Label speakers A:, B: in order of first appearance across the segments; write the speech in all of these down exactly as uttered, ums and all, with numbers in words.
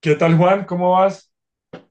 A: ¿Qué tal, Juan? ¿Cómo vas?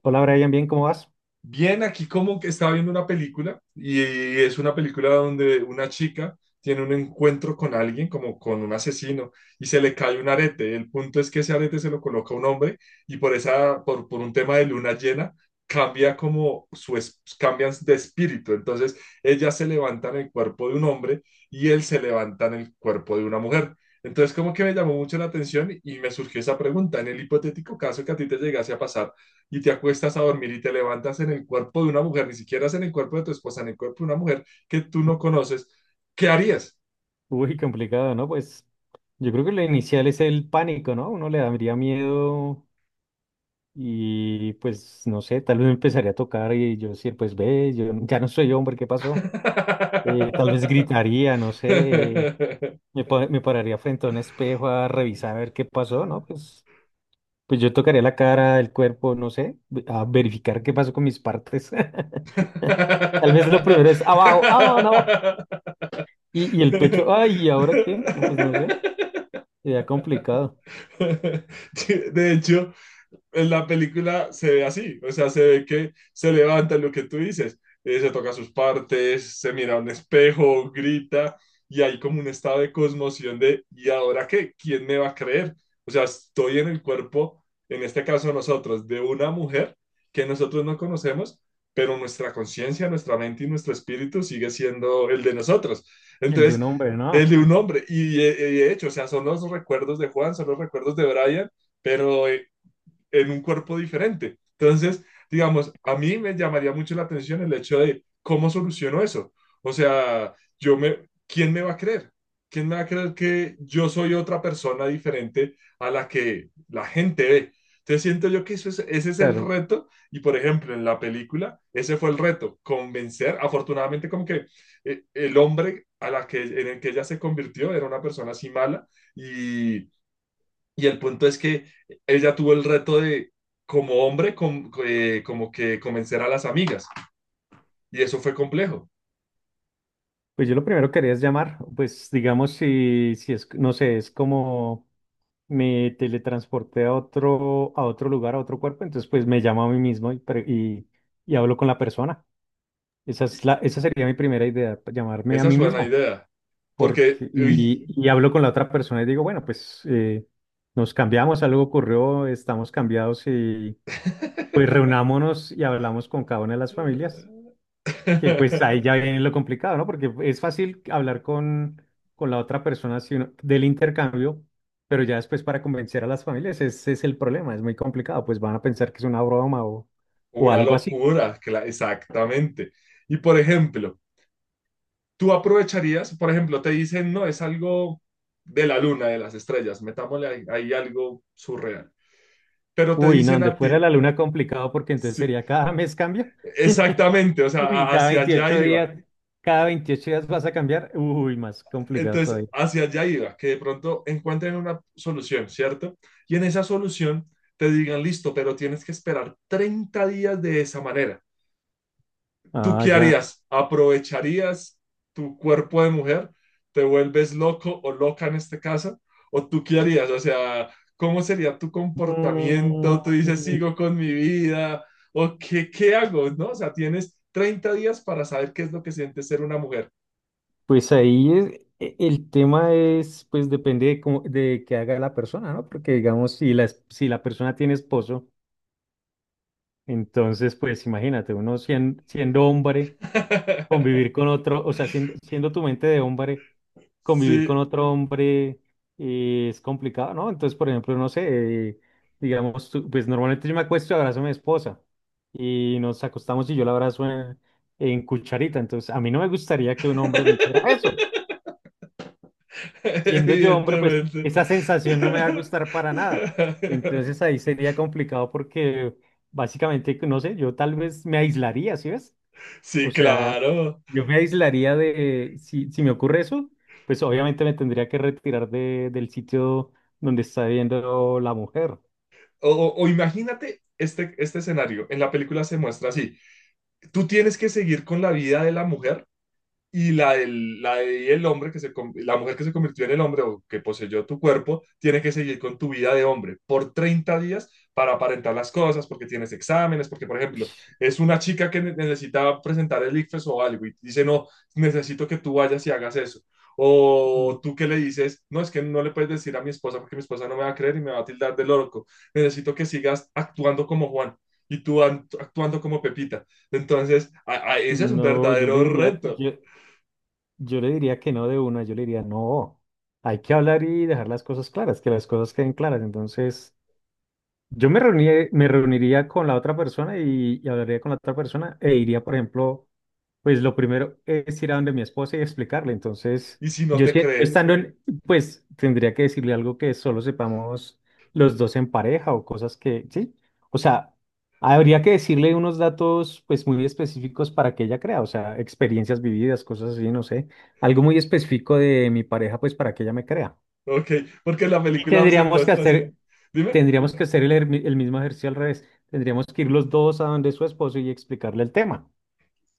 B: Hola Brian, bien, ¿cómo vas?
A: Bien, aquí como que estaba viendo una película y es una película donde una chica tiene un encuentro con alguien, como con un asesino, y se le cae un arete. El punto es que ese arete se lo coloca un hombre y por esa, por, por un tema de luna llena, cambia como su, es- cambian de espíritu. Entonces, ella se levanta en el cuerpo de un hombre y él se levanta en el cuerpo de una mujer. Entonces, como que me llamó mucho la atención y me surgió esa pregunta. En el hipotético caso que a ti te llegase a pasar, y te acuestas a dormir y te levantas en el cuerpo de una mujer, ni siquiera es en el cuerpo de tu esposa, en el cuerpo de una mujer que tú no conoces, ¿qué harías?
B: Uy, complicado, ¿no? Pues yo creo que lo inicial es el pánico, ¿no? Uno le daría miedo y pues no sé, tal vez me empezaría a tocar y yo decir, pues ve, yo n- ya no soy hombre, ¿qué pasó? Eh, tal vez gritaría, no sé, me, pa- me pararía frente a un espejo a revisar a ver qué pasó, ¿no? Pues, pues yo tocaría la cara, el cuerpo, no sé, ve- a verificar qué pasó con mis partes. Tal vez lo primero es abajo, ah, no. Y, y el pecho, ay, ¿y ahora qué? No, pues no sé. Sería complicado
A: De hecho, en la película se ve así, o sea, se ve que se levanta lo que tú dices, eh, se toca sus partes, se mira a un espejo, grita, y hay como un estado de cosmoción de, ¿y ahora qué? ¿Quién me va a creer? O sea, estoy en el cuerpo, en este caso nosotros, de una mujer que nosotros no conocemos, pero nuestra conciencia, nuestra mente y nuestro espíritu sigue siendo el de nosotros.
B: el de
A: Entonces,
B: un hombre,
A: el
B: ¿no?
A: de un hombre, y, y de hecho, o sea, son los recuerdos de Juan, son los recuerdos de Brian, pero eh, en un cuerpo diferente. Entonces, digamos, a mí me llamaría mucho la atención el hecho de cómo soluciono eso. O sea, yo me, ¿quién me va a creer? ¿Quién me va a creer que yo soy otra persona diferente a la que la gente ve? Entonces siento yo que eso es, ese es el
B: Claro,
A: reto y por ejemplo en la película ese fue el reto, convencer, afortunadamente como que eh, el hombre a la que, en el que ella se convirtió era una persona así mala y y el punto es que ella tuvo el reto de, como hombre, com- eh, como que convencer a las amigas. Y eso fue complejo.
B: pues yo lo primero que haría es llamar, pues digamos si, si es, no sé, es como me teletransporté a otro, a otro lugar, a otro cuerpo, entonces pues me llamo a mí mismo y, pre- y, y hablo con la persona. Esa
A: Y
B: es la, esa sería mi primera idea, pa- llamarme a
A: esa es
B: mí
A: buena
B: mismo.
A: idea. Porque,
B: Porque,
A: uy,
B: y, y hablo con la otra persona y digo, bueno, pues eh, nos cambiamos, algo ocurrió, estamos cambiados y pues reunámonos y hablamos con cada una de las familias. Que pues ahí ya viene lo complicado, ¿no? Porque es fácil hablar con, con la otra persona si uno- del intercambio, pero ya después para convencer a las familias, ese es el problema, es muy complicado, pues van a pensar que es una broma o, o
A: una
B: algo así.
A: locura, cla- exactamente. Y por ejemplo, tú aprovecharías, por ejemplo, te dicen, no, es algo de la luna, de las estrellas, metámosle ahí, ahí algo surreal. Pero te
B: Uy, no,
A: dicen
B: donde
A: a
B: fuera
A: ti,
B: la luna complicado porque entonces
A: sí,
B: sería cada mes cambio.
A: exactamente, o sea,
B: Uy,
A: a-
B: cada
A: hacia allá
B: veintiocho
A: iba.
B: días, cada veintiocho días vas a cambiar. Uy, más complicado
A: Entonces,
B: todavía.
A: hacia allá iba, que de pronto encuentren una solución, ¿cierto? Y en esa solución te digan, listo, pero tienes que esperar treinta días de esa manera. ¿Tú
B: Ah,
A: qué
B: ya.
A: harías? ¿Aprovecharías tu cuerpo de mujer? ¿Te vuelves loco o loca en este caso? ¿O tú qué harías? O sea, ¿cómo sería tu comportamiento? ¿Tú dices,
B: Mm.
A: sigo con mi vida? ¿O qué, qué hago? ¿No? O sea, tienes treinta días para saber qué es lo que siente ser una mujer.
B: Pues ahí es- e- el tema es, pues depende de cómo, de qué haga la persona, ¿no? Porque digamos, si la, es- si la persona tiene esposo, entonces, pues imagínate, uno sien- siendo, hombre, convivir con otro, o sea, siendo, siendo tu mente de hombre, convivir con
A: Sí.
B: otro hombre eh, es complicado, ¿no? Entonces, por ejemplo, no sé, eh, digamos, tú- pues normalmente yo me acuesto y abrazo a mi esposa y nos acostamos y yo la abrazo en, en cucharita, entonces a mí no me gustaría que un hombre me hiciera eso. Siendo yo hombre, pues
A: Evidentemente.
B: esa sensación no me va a gustar para nada. Entonces ahí sería complicado porque básicamente, no sé, yo tal vez me aislaría, ¿sí ves? O
A: Sí,
B: sea,
A: claro.
B: yo me aislaría de, si, si me ocurre eso, pues obviamente me tendría que retirar de, del sitio donde está viendo la mujer.
A: O, o- o imagínate este, este escenario. En la película se muestra así. Tú tienes que seguir con la vida de la mujer y la, del- la de- y el hombre que se, con- la mujer que se convirtió en el hombre o que poseyó tu cuerpo, tiene que seguir con tu vida de hombre por treinta días para aparentar las cosas, porque tienes exámenes, porque, por ejemplo,
B: Ush,
A: es una chica que ne- necesita presentar el ICFES o algo y dice, no, necesito que tú vayas y hagas eso.
B: mm,
A: O tú que le dices, no, es que no le puedes decir a mi esposa porque mi esposa no me va a creer y me va a tildar de loco. Necesito que sigas actuando como Juan y tú act- actuando como Pepita. Entonces, a- a- ese es un
B: no, yo le
A: verdadero
B: diría,
A: reto.
B: yo, yo le diría que no de una, yo le diría no. Hay que hablar y dejar las cosas claras, que las cosas queden claras. Entonces… Yo me reuniría, me reuniría con la otra persona y, y hablaría con la otra persona e iría, por ejemplo, pues lo primero es ir a donde mi esposa y explicarle. Entonces,
A: Y si no
B: yo
A: te
B: si- yo
A: cree,
B: estando en, pues tendría que decirle algo que solo sepamos los dos en pareja o cosas que, sí. O sea, habría que decirle unos datos pues muy específicos para que ella crea, o sea, experiencias vividas, cosas así, no sé, algo muy específico de mi pareja pues para que ella me crea.
A: ok, porque la
B: Y
A: película se
B: tendríamos que
A: muestra así.
B: hacer,
A: Dime.
B: tendríamos que hacer el, ermi- el mismo ejercicio al revés. Tendríamos que ir los dos a donde su esposo y explicarle el tema.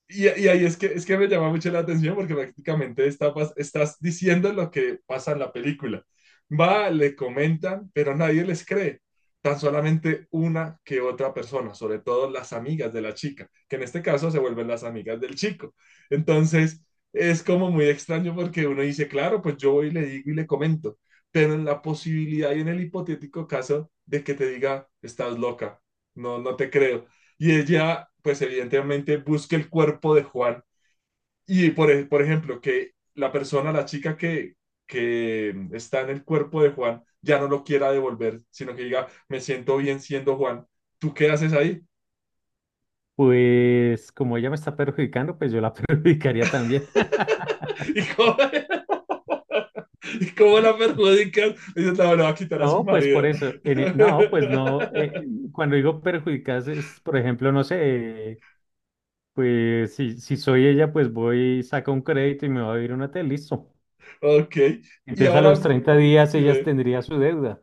A: Y, y ahí es que, es que me llama mucho la atención porque prácticamente está, pas- estás diciendo lo que pasa en la película. Va, le comentan, pero nadie les cree. Tan solamente una que otra persona, sobre todo las amigas de la chica, que en este caso se vuelven las amigas del chico. Entonces, es como muy extraño porque uno dice, claro, pues yo voy y le digo y le comento, pero en la posibilidad y en el hipotético caso de que te diga, estás loca, no, no te creo y ella, pues evidentemente, busca el cuerpo de Juan. Y por, ej- por ejemplo, que la persona, la chica que, que está en el cuerpo de Juan, ya no lo quiera devolver, sino que diga, me siento bien siendo Juan. ¿Tú qué haces ahí?
B: Pues como ella me está perjudicando, pues yo la perjudicaría también.
A: ¿Y cómo, y cómo la perjudican? Dice, no, le va a quitar a su
B: No, pues por
A: marido.
B: eso. En e- no, pues no. Eh, cuando digo perjudicas es, por ejemplo, no sé, eh, pues si, si soy ella, pues voy, saco un crédito y me va a vivir un hotel, listo.
A: Ok. Y
B: Entonces a los
A: ahora,
B: treinta días ella
A: dime,
B: tendría su deuda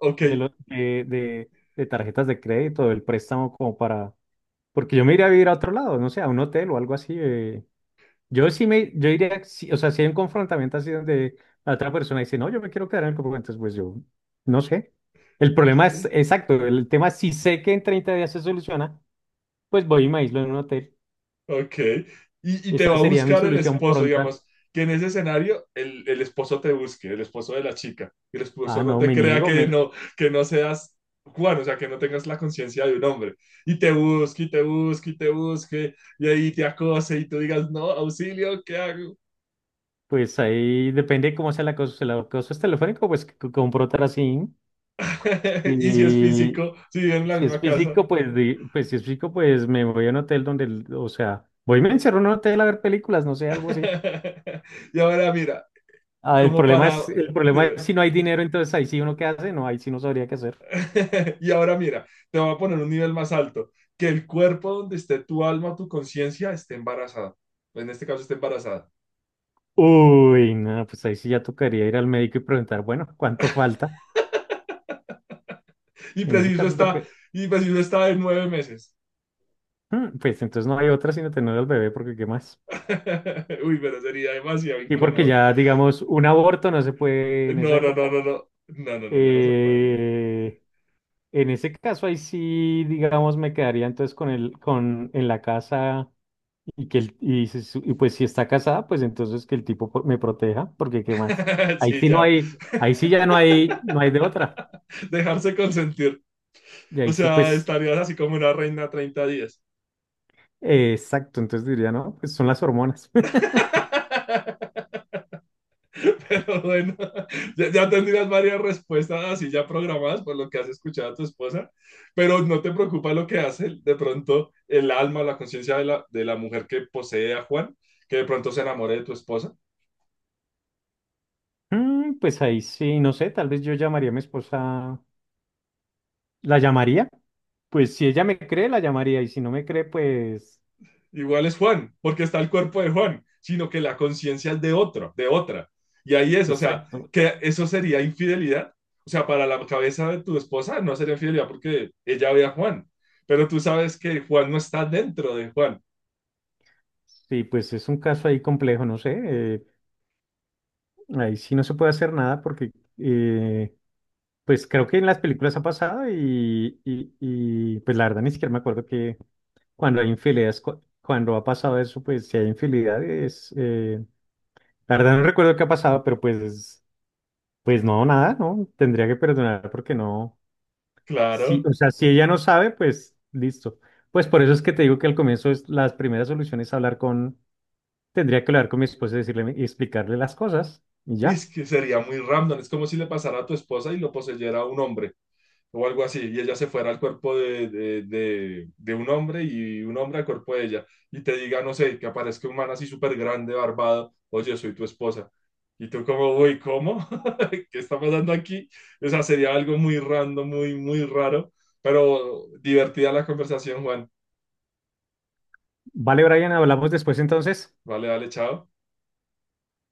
A: ok.
B: de, lo- de, de, de tarjetas de crédito, del préstamo como para… Porque yo me iría a vivir a otro lado, no sé, a un hotel o algo así. eh. Yo sí me, yo iría, sí, o sea, si hay un confrontamiento así donde la otra persona dice, no, yo me quiero quedar en el campamento, entonces, pues yo, no sé. El problema es, exacto, el tema, si sé que en treinta días se soluciona, pues voy y me aíslo en un hotel.
A: Ok. Y, y te va
B: Esa
A: a
B: sería mi
A: buscar el
B: solución
A: esposo,
B: pronta.
A: digamos, que en ese escenario el, el esposo te busque, el esposo de la chica, el
B: Ah,
A: esposo no
B: no,
A: te
B: me
A: crea
B: niego,
A: que
B: me,
A: no, que no seas Juan, o sea, que no tengas la conciencia de un hombre, y te busque, y te busque, y te busque, y ahí te acose, y tú digas, no, auxilio, ¿qué hago?
B: pues ahí depende de cómo sea la cosa. Si la cosa es telefónico, pues c- con un así.
A: Y si es
B: Y,
A: físico, si viven en la
B: si es
A: misma casa.
B: físico, pues, di- pues si es físico, pues me voy a un hotel donde, el- o sea, voy y me encierro en un hotel a ver películas, no sé, algo así.
A: Y ahora mira,
B: Ah, el
A: como
B: problema
A: para,
B: es, el problema es
A: dime.
B: si no hay dinero, entonces ahí sí uno qué hace, no, ahí sí no sabría qué hacer.
A: Y ahora mira, te voy a poner un nivel más alto, que el cuerpo donde esté tu alma, tu conciencia, esté embarazada. En este caso esté embarazada.
B: Uy, no, pues ahí sí ya tocaría ir al médico y preguntar, bueno, ¿cuánto falta?
A: Y
B: En ese
A: preciso
B: caso,
A: está,
B: porque,
A: y preciso está de nueve meses.
B: mm, pues entonces no hay otra sino tener al bebé, porque ¿qué más?
A: Uy, pero sería demasiado
B: Y porque
A: incómodo.
B: ya, digamos, un aborto no se puede en esa
A: No, no,
B: época.
A: no, no, no. No, no, no, ya no se puede.
B: Eh, En ese caso, ahí sí, digamos, me quedaría entonces con el, con, en la casa y que el, y, si su- y pues si está casada, pues entonces que el tipo po- me proteja, porque qué más. Ahí
A: Sí,
B: sí no
A: ya.
B: hay, ahí sí ya no hay, no hay de otra.
A: Dejarse consentir.
B: Y
A: O
B: ahí sí,
A: sea,
B: pues,
A: estarías así como una reina treinta días.
B: eh, exacto, entonces diría, no, pues son las hormonas.
A: Pero bueno, ya, ya tendrías varias respuestas así ya programadas por lo que has escuchado a tu esposa, pero no te preocupa lo que hace de pronto el alma, la conciencia de la, de la mujer que posee a Juan, que de pronto se enamore de tu esposa.
B: Mm, pues ahí sí, no sé, tal vez yo llamaría a mi esposa, la llamaría, pues si ella me cree, la llamaría, y si no me cree, pues,
A: Igual es Juan, porque está el cuerpo de Juan, sino que la conciencia es de otro, de otra. Y ahí es, o sea,
B: exacto.
A: que eso sería infidelidad. O sea, para la cabeza de tu esposa no sería infidelidad porque ella ve a Juan, pero tú sabes que Juan no está dentro de Juan.
B: Sí, pues es un caso ahí complejo, no sé. eh, Ahí sí no se puede hacer nada porque, eh, pues creo que en las películas ha pasado y, y, y, pues la verdad ni siquiera me acuerdo que cuando hay infidelidades, cu- cuando ha pasado eso, pues si hay infidelidades, eh, la verdad no recuerdo qué ha pasado, pero pues, pues no, nada, ¿no? Tendría que perdonar porque no, sí,
A: Claro,
B: o sea, si ella no sabe, pues listo. Pues por eso es que te digo que al comienzo es, las primeras soluciones es hablar con, tendría que hablar con mi esposa y decirle y explicarle las cosas y
A: es
B: ya.
A: que sería muy random, es como si le pasara a tu esposa y lo poseyera un hombre o algo así, y ella se fuera al cuerpo de, de, de- de un hombre y un hombre al cuerpo de ella, y te diga, no sé, que aparezca un man así súper grande, barbado, oye, soy tu esposa. Y tú como, uy, ¿cómo? ¿Qué está pasando aquí? O sea, sería algo muy random, muy, muy raro, pero divertida la conversación, Juan.
B: Vale, Brian, hablamos después entonces.
A: Vale, vale, chao.